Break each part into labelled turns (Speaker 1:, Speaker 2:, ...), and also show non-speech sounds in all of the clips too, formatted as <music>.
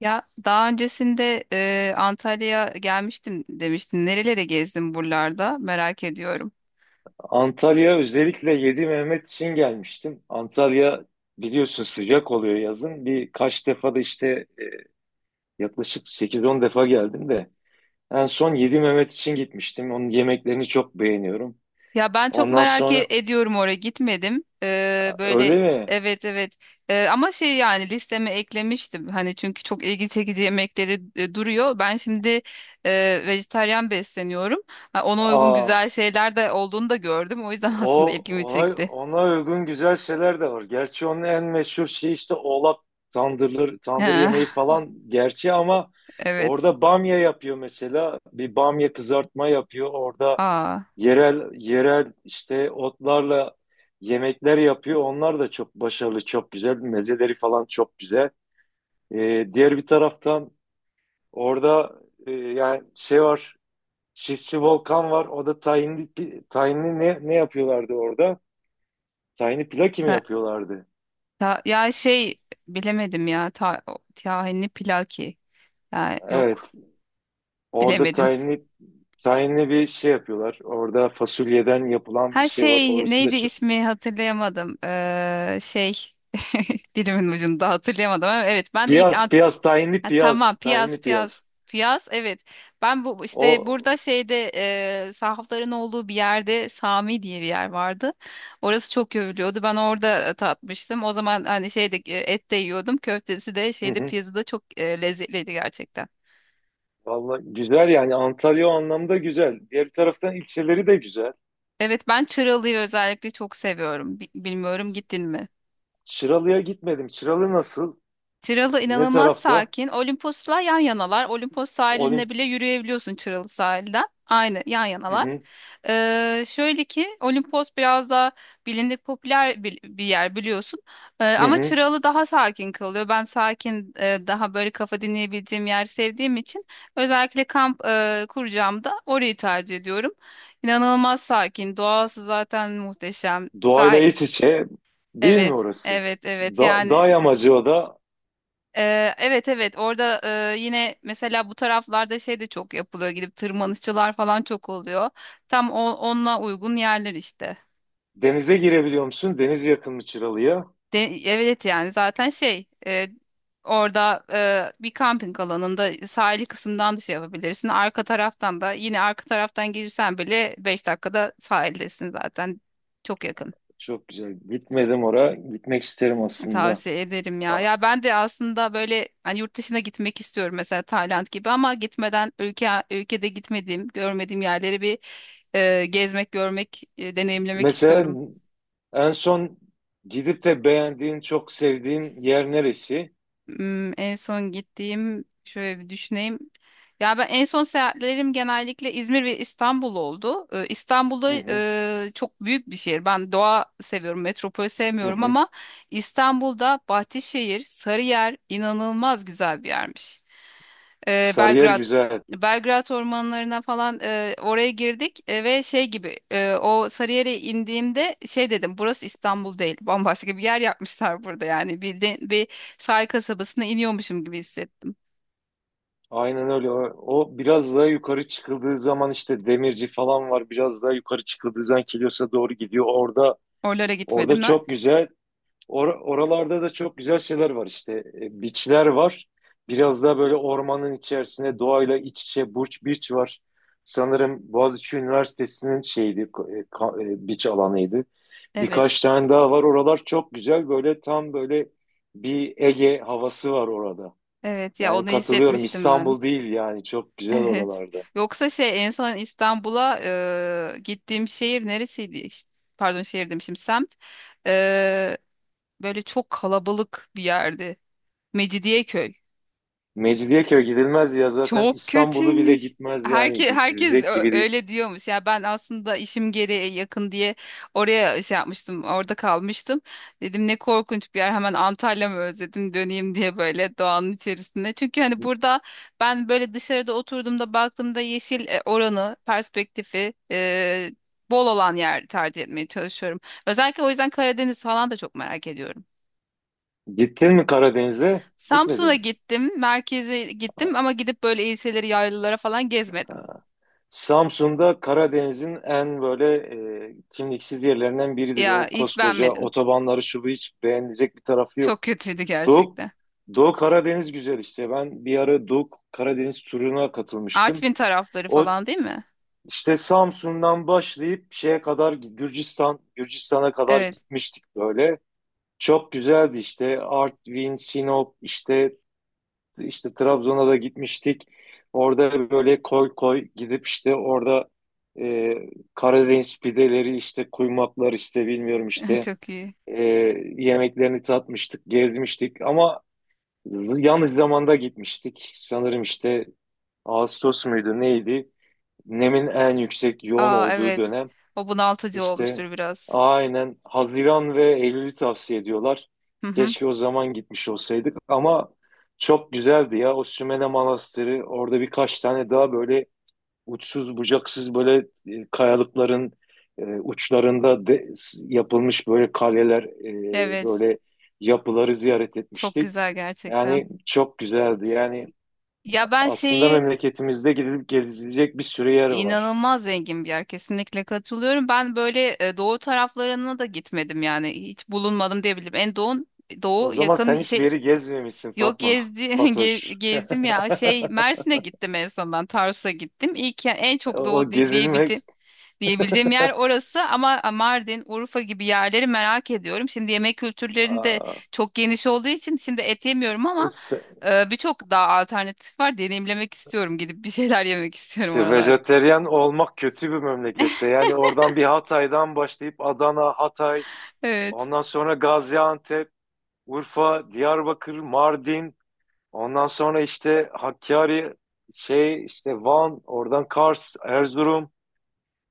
Speaker 1: Ya daha öncesinde Antalya'ya gelmiştim demiştin. Nerelere gezdin buralarda? Merak ediyorum.
Speaker 2: Antalya özellikle Yedi Mehmet için gelmiştim. Antalya biliyorsun sıcak oluyor yazın. Birkaç defa da işte e, yaklaşık sekiz on defa geldim de en son Yedi Mehmet için gitmiştim. Onun yemeklerini çok beğeniyorum.
Speaker 1: Ya ben çok
Speaker 2: Ondan
Speaker 1: merak
Speaker 2: sonra
Speaker 1: ediyorum, oraya gitmedim. Böyle,
Speaker 2: öyle mi?
Speaker 1: evet, evet. Ama şey, yani listeme eklemiştim. Hani çünkü çok ilgi çekici yemekleri duruyor. Ben şimdi vejetaryen besleniyorum. Ha, ona uygun
Speaker 2: Aa,
Speaker 1: güzel şeyler de olduğunu da gördüm. O yüzden <laughs> aslında
Speaker 2: o
Speaker 1: ilgimi
Speaker 2: ona
Speaker 1: çekti.
Speaker 2: ona uygun güzel şeyler de var. Gerçi onun en meşhur şey işte oğlak tandırları, tandır yemeği
Speaker 1: Ha,
Speaker 2: falan gerçi ama
Speaker 1: <laughs> evet.
Speaker 2: orada bamya yapıyor mesela. Bir bamya kızartma yapıyor. Orada
Speaker 1: Aa.
Speaker 2: yerel işte otlarla yemekler yapıyor. Onlar da çok başarılı, çok güzel. Mezeleri falan çok güzel. Diğer bir taraftan orada yani şey var. Şişli Volkan var. O da tahinli ne yapıyorlardı orada? Tahinli pilaki mi yapıyorlardı?
Speaker 1: Ya şey, bilemedim ya. Tahinli Pilaki. Ya, yok,
Speaker 2: Evet. Orada
Speaker 1: bilemedim.
Speaker 2: tahinli bir şey yapıyorlar. Orada fasulyeden yapılan bir
Speaker 1: Her
Speaker 2: şey var.
Speaker 1: şey,
Speaker 2: Orası da
Speaker 1: neydi
Speaker 2: çok.
Speaker 1: ismi, hatırlayamadım. Şey, <laughs> dilimin ucunda hatırlayamadım, ama evet, ben de ilk
Speaker 2: Piyaz, piyaz, tahinli
Speaker 1: ha, tamam,
Speaker 2: piyaz,
Speaker 1: piyaz
Speaker 2: tahinli
Speaker 1: piyaz
Speaker 2: piyaz.
Speaker 1: piyaz, evet. Ben bu işte
Speaker 2: O.
Speaker 1: burada şeyde, sahafların olduğu bir yerde, Sami diye bir yer vardı. Orası çok övülüyordu. Ben orada tatmıştım. O zaman hani şeyde et de yiyordum. Köftesi de şeyde,
Speaker 2: <laughs>
Speaker 1: piyazı da çok lezzetliydi gerçekten.
Speaker 2: Vallahi güzel yani Antalya o anlamda güzel. Diğer taraftan ilçeleri de güzel.
Speaker 1: Evet, ben Çıralı'yı özellikle çok seviyorum. Bilmiyorum, gittin mi?
Speaker 2: Çıralı'ya gitmedim. Çıralı nasıl?
Speaker 1: Çıralı
Speaker 2: Ne
Speaker 1: inanılmaz
Speaker 2: tarafta?
Speaker 1: sakin. Olimpos'la yan yanalar. Olimpos sahilinde
Speaker 2: Olim.
Speaker 1: bile yürüyebiliyorsun Çıralı sahilden. Aynı, yan
Speaker 2: Hı
Speaker 1: yanalar.
Speaker 2: hı.
Speaker 1: Şöyle ki Olimpos biraz daha bilindik, popüler bir yer, biliyorsun. Ee,
Speaker 2: Hı
Speaker 1: ama
Speaker 2: hı.
Speaker 1: Çıralı daha sakin kalıyor. Ben sakin, daha böyle kafa dinleyebildiğim yer sevdiğim için, özellikle kamp kuracağımda orayı tercih ediyorum. İnanılmaz sakin. Doğası zaten muhteşem.
Speaker 2: Doğayla iç içe değil mi
Speaker 1: Evet,
Speaker 2: orası?
Speaker 1: evet, evet.
Speaker 2: Da
Speaker 1: Yani
Speaker 2: dağ yamacı o da.
Speaker 1: evet, evet. Orada yine mesela bu taraflarda şey de çok yapılıyor. Gidip tırmanışçılar falan çok oluyor. Tam onunla uygun yerler işte.
Speaker 2: Denize girebiliyor musun? Deniz yakın mı Çıralı'ya?
Speaker 1: De, evet, yani zaten şey, orada bir kamping alanında, sahili kısımdan da şey yapabilirsin. Arka taraftan da, yine arka taraftan gelirsen bile 5 dakikada sahildesin zaten. Çok yakın.
Speaker 2: Çok güzel. Gitmedim oraya. Gitmek isterim aslında.
Speaker 1: Tavsiye ederim ya.
Speaker 2: Aa,
Speaker 1: Ya, ben de aslında böyle, hani yurt dışına gitmek istiyorum, mesela Tayland gibi, ama gitmeden ülke ülkede gitmediğim, görmediğim yerleri bir gezmek, görmek, deneyimlemek
Speaker 2: mesela
Speaker 1: istiyorum.
Speaker 2: en son gidip de beğendiğin, çok sevdiğin yer neresi?
Speaker 1: En son gittiğim, şöyle bir düşüneyim. Ya, ben en son, seyahatlerim genellikle İzmir ve İstanbul oldu. İstanbul'da,
Speaker 2: Hı hı.
Speaker 1: çok büyük bir şehir. Ben doğa seviyorum, metropol
Speaker 2: Hı
Speaker 1: sevmiyorum,
Speaker 2: hı.
Speaker 1: ama İstanbul'da Bahçeşehir, Sarıyer inanılmaz güzel bir yermiş. Ee,
Speaker 2: Sarıyer
Speaker 1: Belgrad,
Speaker 2: güzel.
Speaker 1: Belgrad ormanlarına falan, oraya girdik ve şey gibi, o Sarıyer'e indiğimde şey dedim, burası İstanbul değil, bambaşka bir yer yapmışlar burada, yani bir sahil kasabasına iniyormuşum gibi hissettim.
Speaker 2: Aynen öyle. O, o biraz daha yukarı çıkıldığı zaman işte demirci falan var. Biraz daha yukarı çıkıldığı zaman Kilyos'a doğru gidiyor. Orada
Speaker 1: Oralara gitmedim ben.
Speaker 2: çok güzel. Oralarda da çok güzel şeyler var işte. E, biçler var. Biraz daha böyle ormanın içerisine doğayla iç içe Burç Biç var. Sanırım Boğaziçi Üniversitesi'nin şeydi, biç alanıydı.
Speaker 1: Evet.
Speaker 2: Birkaç tane daha var. Oralar çok güzel. Böyle tam böyle bir Ege havası var orada.
Speaker 1: Evet, ya
Speaker 2: Yani
Speaker 1: onu
Speaker 2: katılıyorum
Speaker 1: hissetmiştim ben.
Speaker 2: İstanbul
Speaker 1: <laughs>
Speaker 2: değil yani çok güzel
Speaker 1: Evet.
Speaker 2: oralarda.
Speaker 1: Yoksa şey, en son İstanbul'a gittiğim şehir neresiydi? İşte, pardon, şehir demişim, semt. E, böyle çok kalabalık bir yerdi. Mecidiyeköy.
Speaker 2: Mecidiyeköy gidilmez ya zaten
Speaker 1: Çok
Speaker 2: İstanbul'u bile
Speaker 1: kötüymüş.
Speaker 2: gitmez yani
Speaker 1: Herkes
Speaker 2: gidilecek gibi değil.
Speaker 1: öyle diyormuş. Ya, ben aslında işim gereği yakın diye oraya şey yapmıştım. Orada kalmıştım. Dedim, ne korkunç bir yer. Hemen Antalya'mı özledim, döneyim diye, böyle doğanın içerisinde. Çünkü hani burada ben böyle dışarıda oturduğumda, baktığımda, yeşil oranı, perspektifi bol olan yer tercih etmeye çalışıyorum. Özellikle o yüzden Karadeniz falan da çok merak ediyorum.
Speaker 2: Gittin mi Karadeniz'e?
Speaker 1: Samsun'a
Speaker 2: Gitmedin.
Speaker 1: gittim, merkeze gittim, ama gidip böyle ilçeleri, yaylalara falan gezmedim.
Speaker 2: Ha. Samsun'da Karadeniz'in en böyle kimliksiz yerlerinden biridir.
Speaker 1: Ya,
Speaker 2: O
Speaker 1: hiç
Speaker 2: koskoca
Speaker 1: beğenmedim.
Speaker 2: otobanları şu bu hiç beğenilecek bir tarafı
Speaker 1: Çok
Speaker 2: yok.
Speaker 1: kötüydü
Speaker 2: Doğu,
Speaker 1: gerçekten.
Speaker 2: Doğu Karadeniz güzel işte. Ben bir ara Doğu Karadeniz turuna katılmıştım.
Speaker 1: Artvin tarafları
Speaker 2: O
Speaker 1: falan, değil mi?
Speaker 2: İşte Samsun'dan başlayıp şeye kadar Gürcistan, Gürcistan'a kadar
Speaker 1: Evet.
Speaker 2: gitmiştik böyle. Çok güzeldi işte Artvin, Sinop, işte Trabzon'a da gitmiştik. Orada böyle koy koy gidip işte orada e, Karadeniz pideleri işte kuymaklar işte bilmiyorum
Speaker 1: <laughs>
Speaker 2: işte
Speaker 1: Çok iyi.
Speaker 2: e, yemeklerini tatmıştık, gezmiştik ama yanlış zamanda gitmiştik. Sanırım işte Ağustos muydu neydi? Nemin en yüksek yoğun
Speaker 1: Aa,
Speaker 2: olduğu
Speaker 1: evet.
Speaker 2: dönem.
Speaker 1: O bunaltıcı
Speaker 2: İşte
Speaker 1: olmuştur biraz.
Speaker 2: aynen Haziran ve Eylül'ü tavsiye ediyorlar.
Speaker 1: Hı hı.
Speaker 2: Keşke o zaman gitmiş olsaydık ama çok güzeldi ya o Sümele Manastırı orada birkaç tane daha böyle uçsuz bucaksız böyle kayalıkların uçlarında yapılmış böyle kaleler
Speaker 1: Evet.
Speaker 2: böyle yapıları ziyaret
Speaker 1: Çok
Speaker 2: etmiştik.
Speaker 1: güzel gerçekten.
Speaker 2: Yani çok güzeldi yani
Speaker 1: Ya, ben
Speaker 2: aslında
Speaker 1: şeyi,
Speaker 2: memleketimizde gidilip gezilecek bir sürü yer var.
Speaker 1: inanılmaz zengin bir yer, kesinlikle katılıyorum. Ben böyle doğu taraflarına da gitmedim, yani hiç bulunmadım diyebilirim. En doğu
Speaker 2: O
Speaker 1: doğu
Speaker 2: zaman
Speaker 1: yakın
Speaker 2: sen hiçbir
Speaker 1: şey.
Speaker 2: yeri gezmemişsin
Speaker 1: Yok,
Speaker 2: Fatma.
Speaker 1: <laughs>
Speaker 2: Fatoş.
Speaker 1: gezdim ya, şey
Speaker 2: <laughs>
Speaker 1: Mersin'e gittim, en son ben Tarsus'a gittim. İlk en
Speaker 2: O
Speaker 1: çok
Speaker 2: o
Speaker 1: doğu
Speaker 2: gezilmek...
Speaker 1: diyebildiğim
Speaker 2: <laughs>
Speaker 1: yer orası, ama Mardin, Urfa gibi yerleri merak ediyorum. Şimdi yemek kültürlerinde de
Speaker 2: Aa,
Speaker 1: çok geniş olduğu için, şimdi et yemiyorum ama,
Speaker 2: is-
Speaker 1: birçok daha alternatif var. Deneyimlemek istiyorum, gidip bir şeyler yemek <laughs> istiyorum
Speaker 2: işte
Speaker 1: oralarda.
Speaker 2: vejeteryan olmak kötü bir memlekette. Yani oradan bir Hatay'dan başlayıp Adana, Hatay,
Speaker 1: Evet.
Speaker 2: ondan sonra Gaziantep, Urfa, Diyarbakır, Mardin, ondan sonra işte Hakkari, şey işte Van, oradan Kars, Erzurum.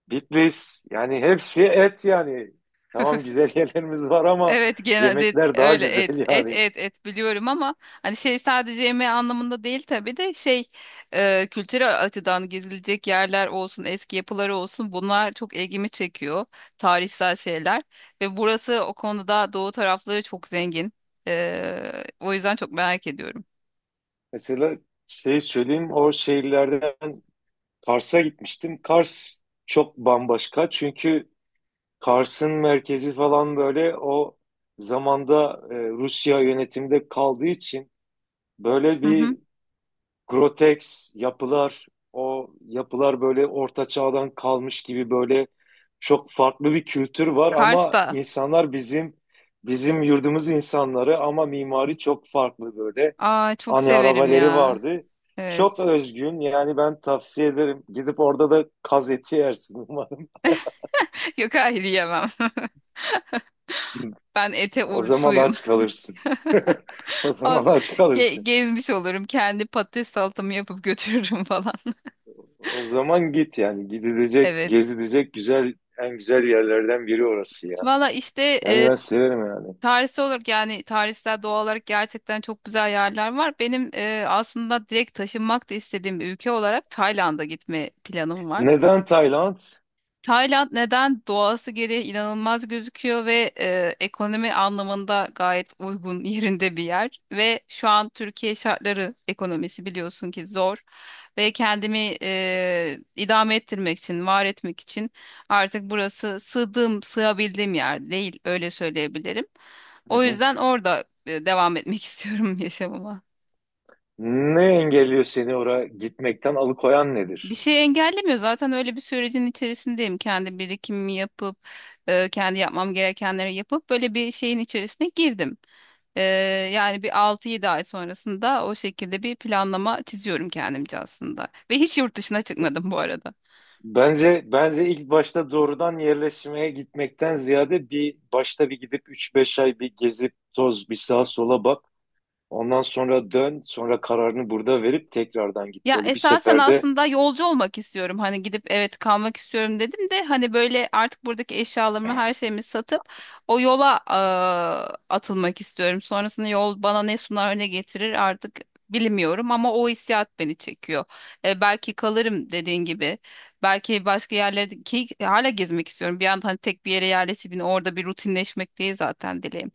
Speaker 2: Bitlis yani hepsi et yani. Tamam güzel <laughs> yerlerimiz var ama
Speaker 1: Evet, genelde
Speaker 2: yemekler daha
Speaker 1: öyle et
Speaker 2: güzel
Speaker 1: et
Speaker 2: yani.
Speaker 1: et et biliyorum, ama hani şey, sadece yemeği anlamında değil tabii de, şey kültürel açıdan gezilecek yerler olsun, eski yapıları olsun, bunlar çok ilgimi çekiyor, tarihsel şeyler, ve burası o konuda doğu tarafları çok zengin. O yüzden çok merak ediyorum.
Speaker 2: Mesela şey söyleyeyim o şehirlerden Kars'a gitmiştim. Kars çok bambaşka çünkü Kars'ın merkezi falan böyle o zamanda Rusya yönetimde kaldığı için böyle
Speaker 1: Hı hı.
Speaker 2: bir Grotex yapılar, o yapılar böyle orta çağdan kalmış gibi böyle çok farklı bir kültür var ama
Speaker 1: Kars'ta,
Speaker 2: insanlar bizim yurdumuz insanları ama mimari çok farklı böyle.
Speaker 1: aa, çok
Speaker 2: Hani
Speaker 1: severim
Speaker 2: arabaları
Speaker 1: ya.
Speaker 2: vardı. Çok
Speaker 1: Evet.
Speaker 2: özgün yani ben tavsiye ederim. Gidip orada da kaz eti yersin umarım.
Speaker 1: <laughs> Yok, hayır, yemem. <laughs>
Speaker 2: <laughs>
Speaker 1: Ben ete
Speaker 2: O zaman
Speaker 1: oruçluyum.
Speaker 2: aç kalırsın. <laughs> O zaman
Speaker 1: Az-
Speaker 2: aç
Speaker 1: Ge-
Speaker 2: kalırsın.
Speaker 1: gezmiş olurum. Kendi patates salatamı yapıp götürürüm <laughs> falan.
Speaker 2: O zaman git yani gidilecek,
Speaker 1: Evet.
Speaker 2: gezilecek güzel en güzel yerlerden biri orası ya.
Speaker 1: Valla işte,
Speaker 2: Yani ben severim yani.
Speaker 1: tarihsel olarak, yani tarihsel, doğal olarak gerçekten çok güzel yerler var. Benim aslında direkt taşınmak da istediğim bir ülke olarak, Tayland'a gitme planım var.
Speaker 2: Neden Tayland?
Speaker 1: Tayland neden, doğası gereği inanılmaz gözüküyor ve ekonomi anlamında gayet uygun <laughs> yerinde bir yer, ve şu an Türkiye şartları, ekonomisi biliyorsun ki zor, ve kendimi idame ettirmek için, var etmek için, artık burası sığdığım, sığabildiğim yer değil, öyle söyleyebilirim.
Speaker 2: Hı
Speaker 1: O
Speaker 2: hı.
Speaker 1: yüzden orada devam etmek <laughs> istiyorum yaşamıma.
Speaker 2: Ne engelliyor seni oraya gitmekten alıkoyan
Speaker 1: Bir
Speaker 2: nedir?
Speaker 1: şey engellemiyor. Zaten öyle bir sürecin içerisindeyim. Kendi birikimimi yapıp, kendi yapmam gerekenleri yapıp, böyle bir şeyin içerisine girdim. E, yani bir 6-7 ay sonrasında, o şekilde bir planlama çiziyorum kendimce aslında. Ve hiç yurt dışına çıkmadım bu arada.
Speaker 2: Bence ilk başta doğrudan yerleşmeye gitmekten ziyade bir başta bir gidip 3-5 ay bir gezip toz bir sağa sola bak. Ondan sonra dön, sonra kararını burada verip tekrardan git.
Speaker 1: Ya,
Speaker 2: Böyle bir
Speaker 1: esasen
Speaker 2: seferde
Speaker 1: aslında yolcu olmak istiyorum. Hani gidip, evet kalmak istiyorum dedim de, hani böyle artık buradaki eşyalarımı, her şeyimi satıp o yola atılmak istiyorum. Sonrasında yol bana ne sunar, ne getirir, artık bilmiyorum ama o hissiyat beni çekiyor. Belki kalırım, dediğin gibi. Belki başka yerlerde, ki hala gezmek istiyorum. Bir anda hani tek bir yere yerleşip, yine orada bir rutinleşmek değil zaten dileğim.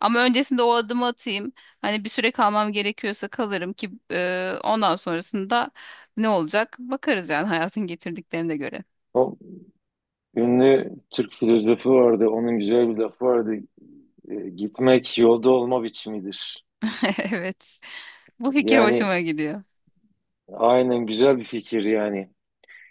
Speaker 1: Ama öncesinde o adımı atayım. Hani bir süre kalmam gerekiyorsa kalırım, ki ondan sonrasında ne olacak bakarız, yani hayatın getirdiklerine göre.
Speaker 2: o ünlü Türk filozofu vardı. Onun güzel bir lafı vardı. E, gitmek yolda olma biçimidir.
Speaker 1: <laughs> Evet. Bu fikir
Speaker 2: Yani
Speaker 1: hoşuma gidiyor.
Speaker 2: aynen güzel bir fikir yani.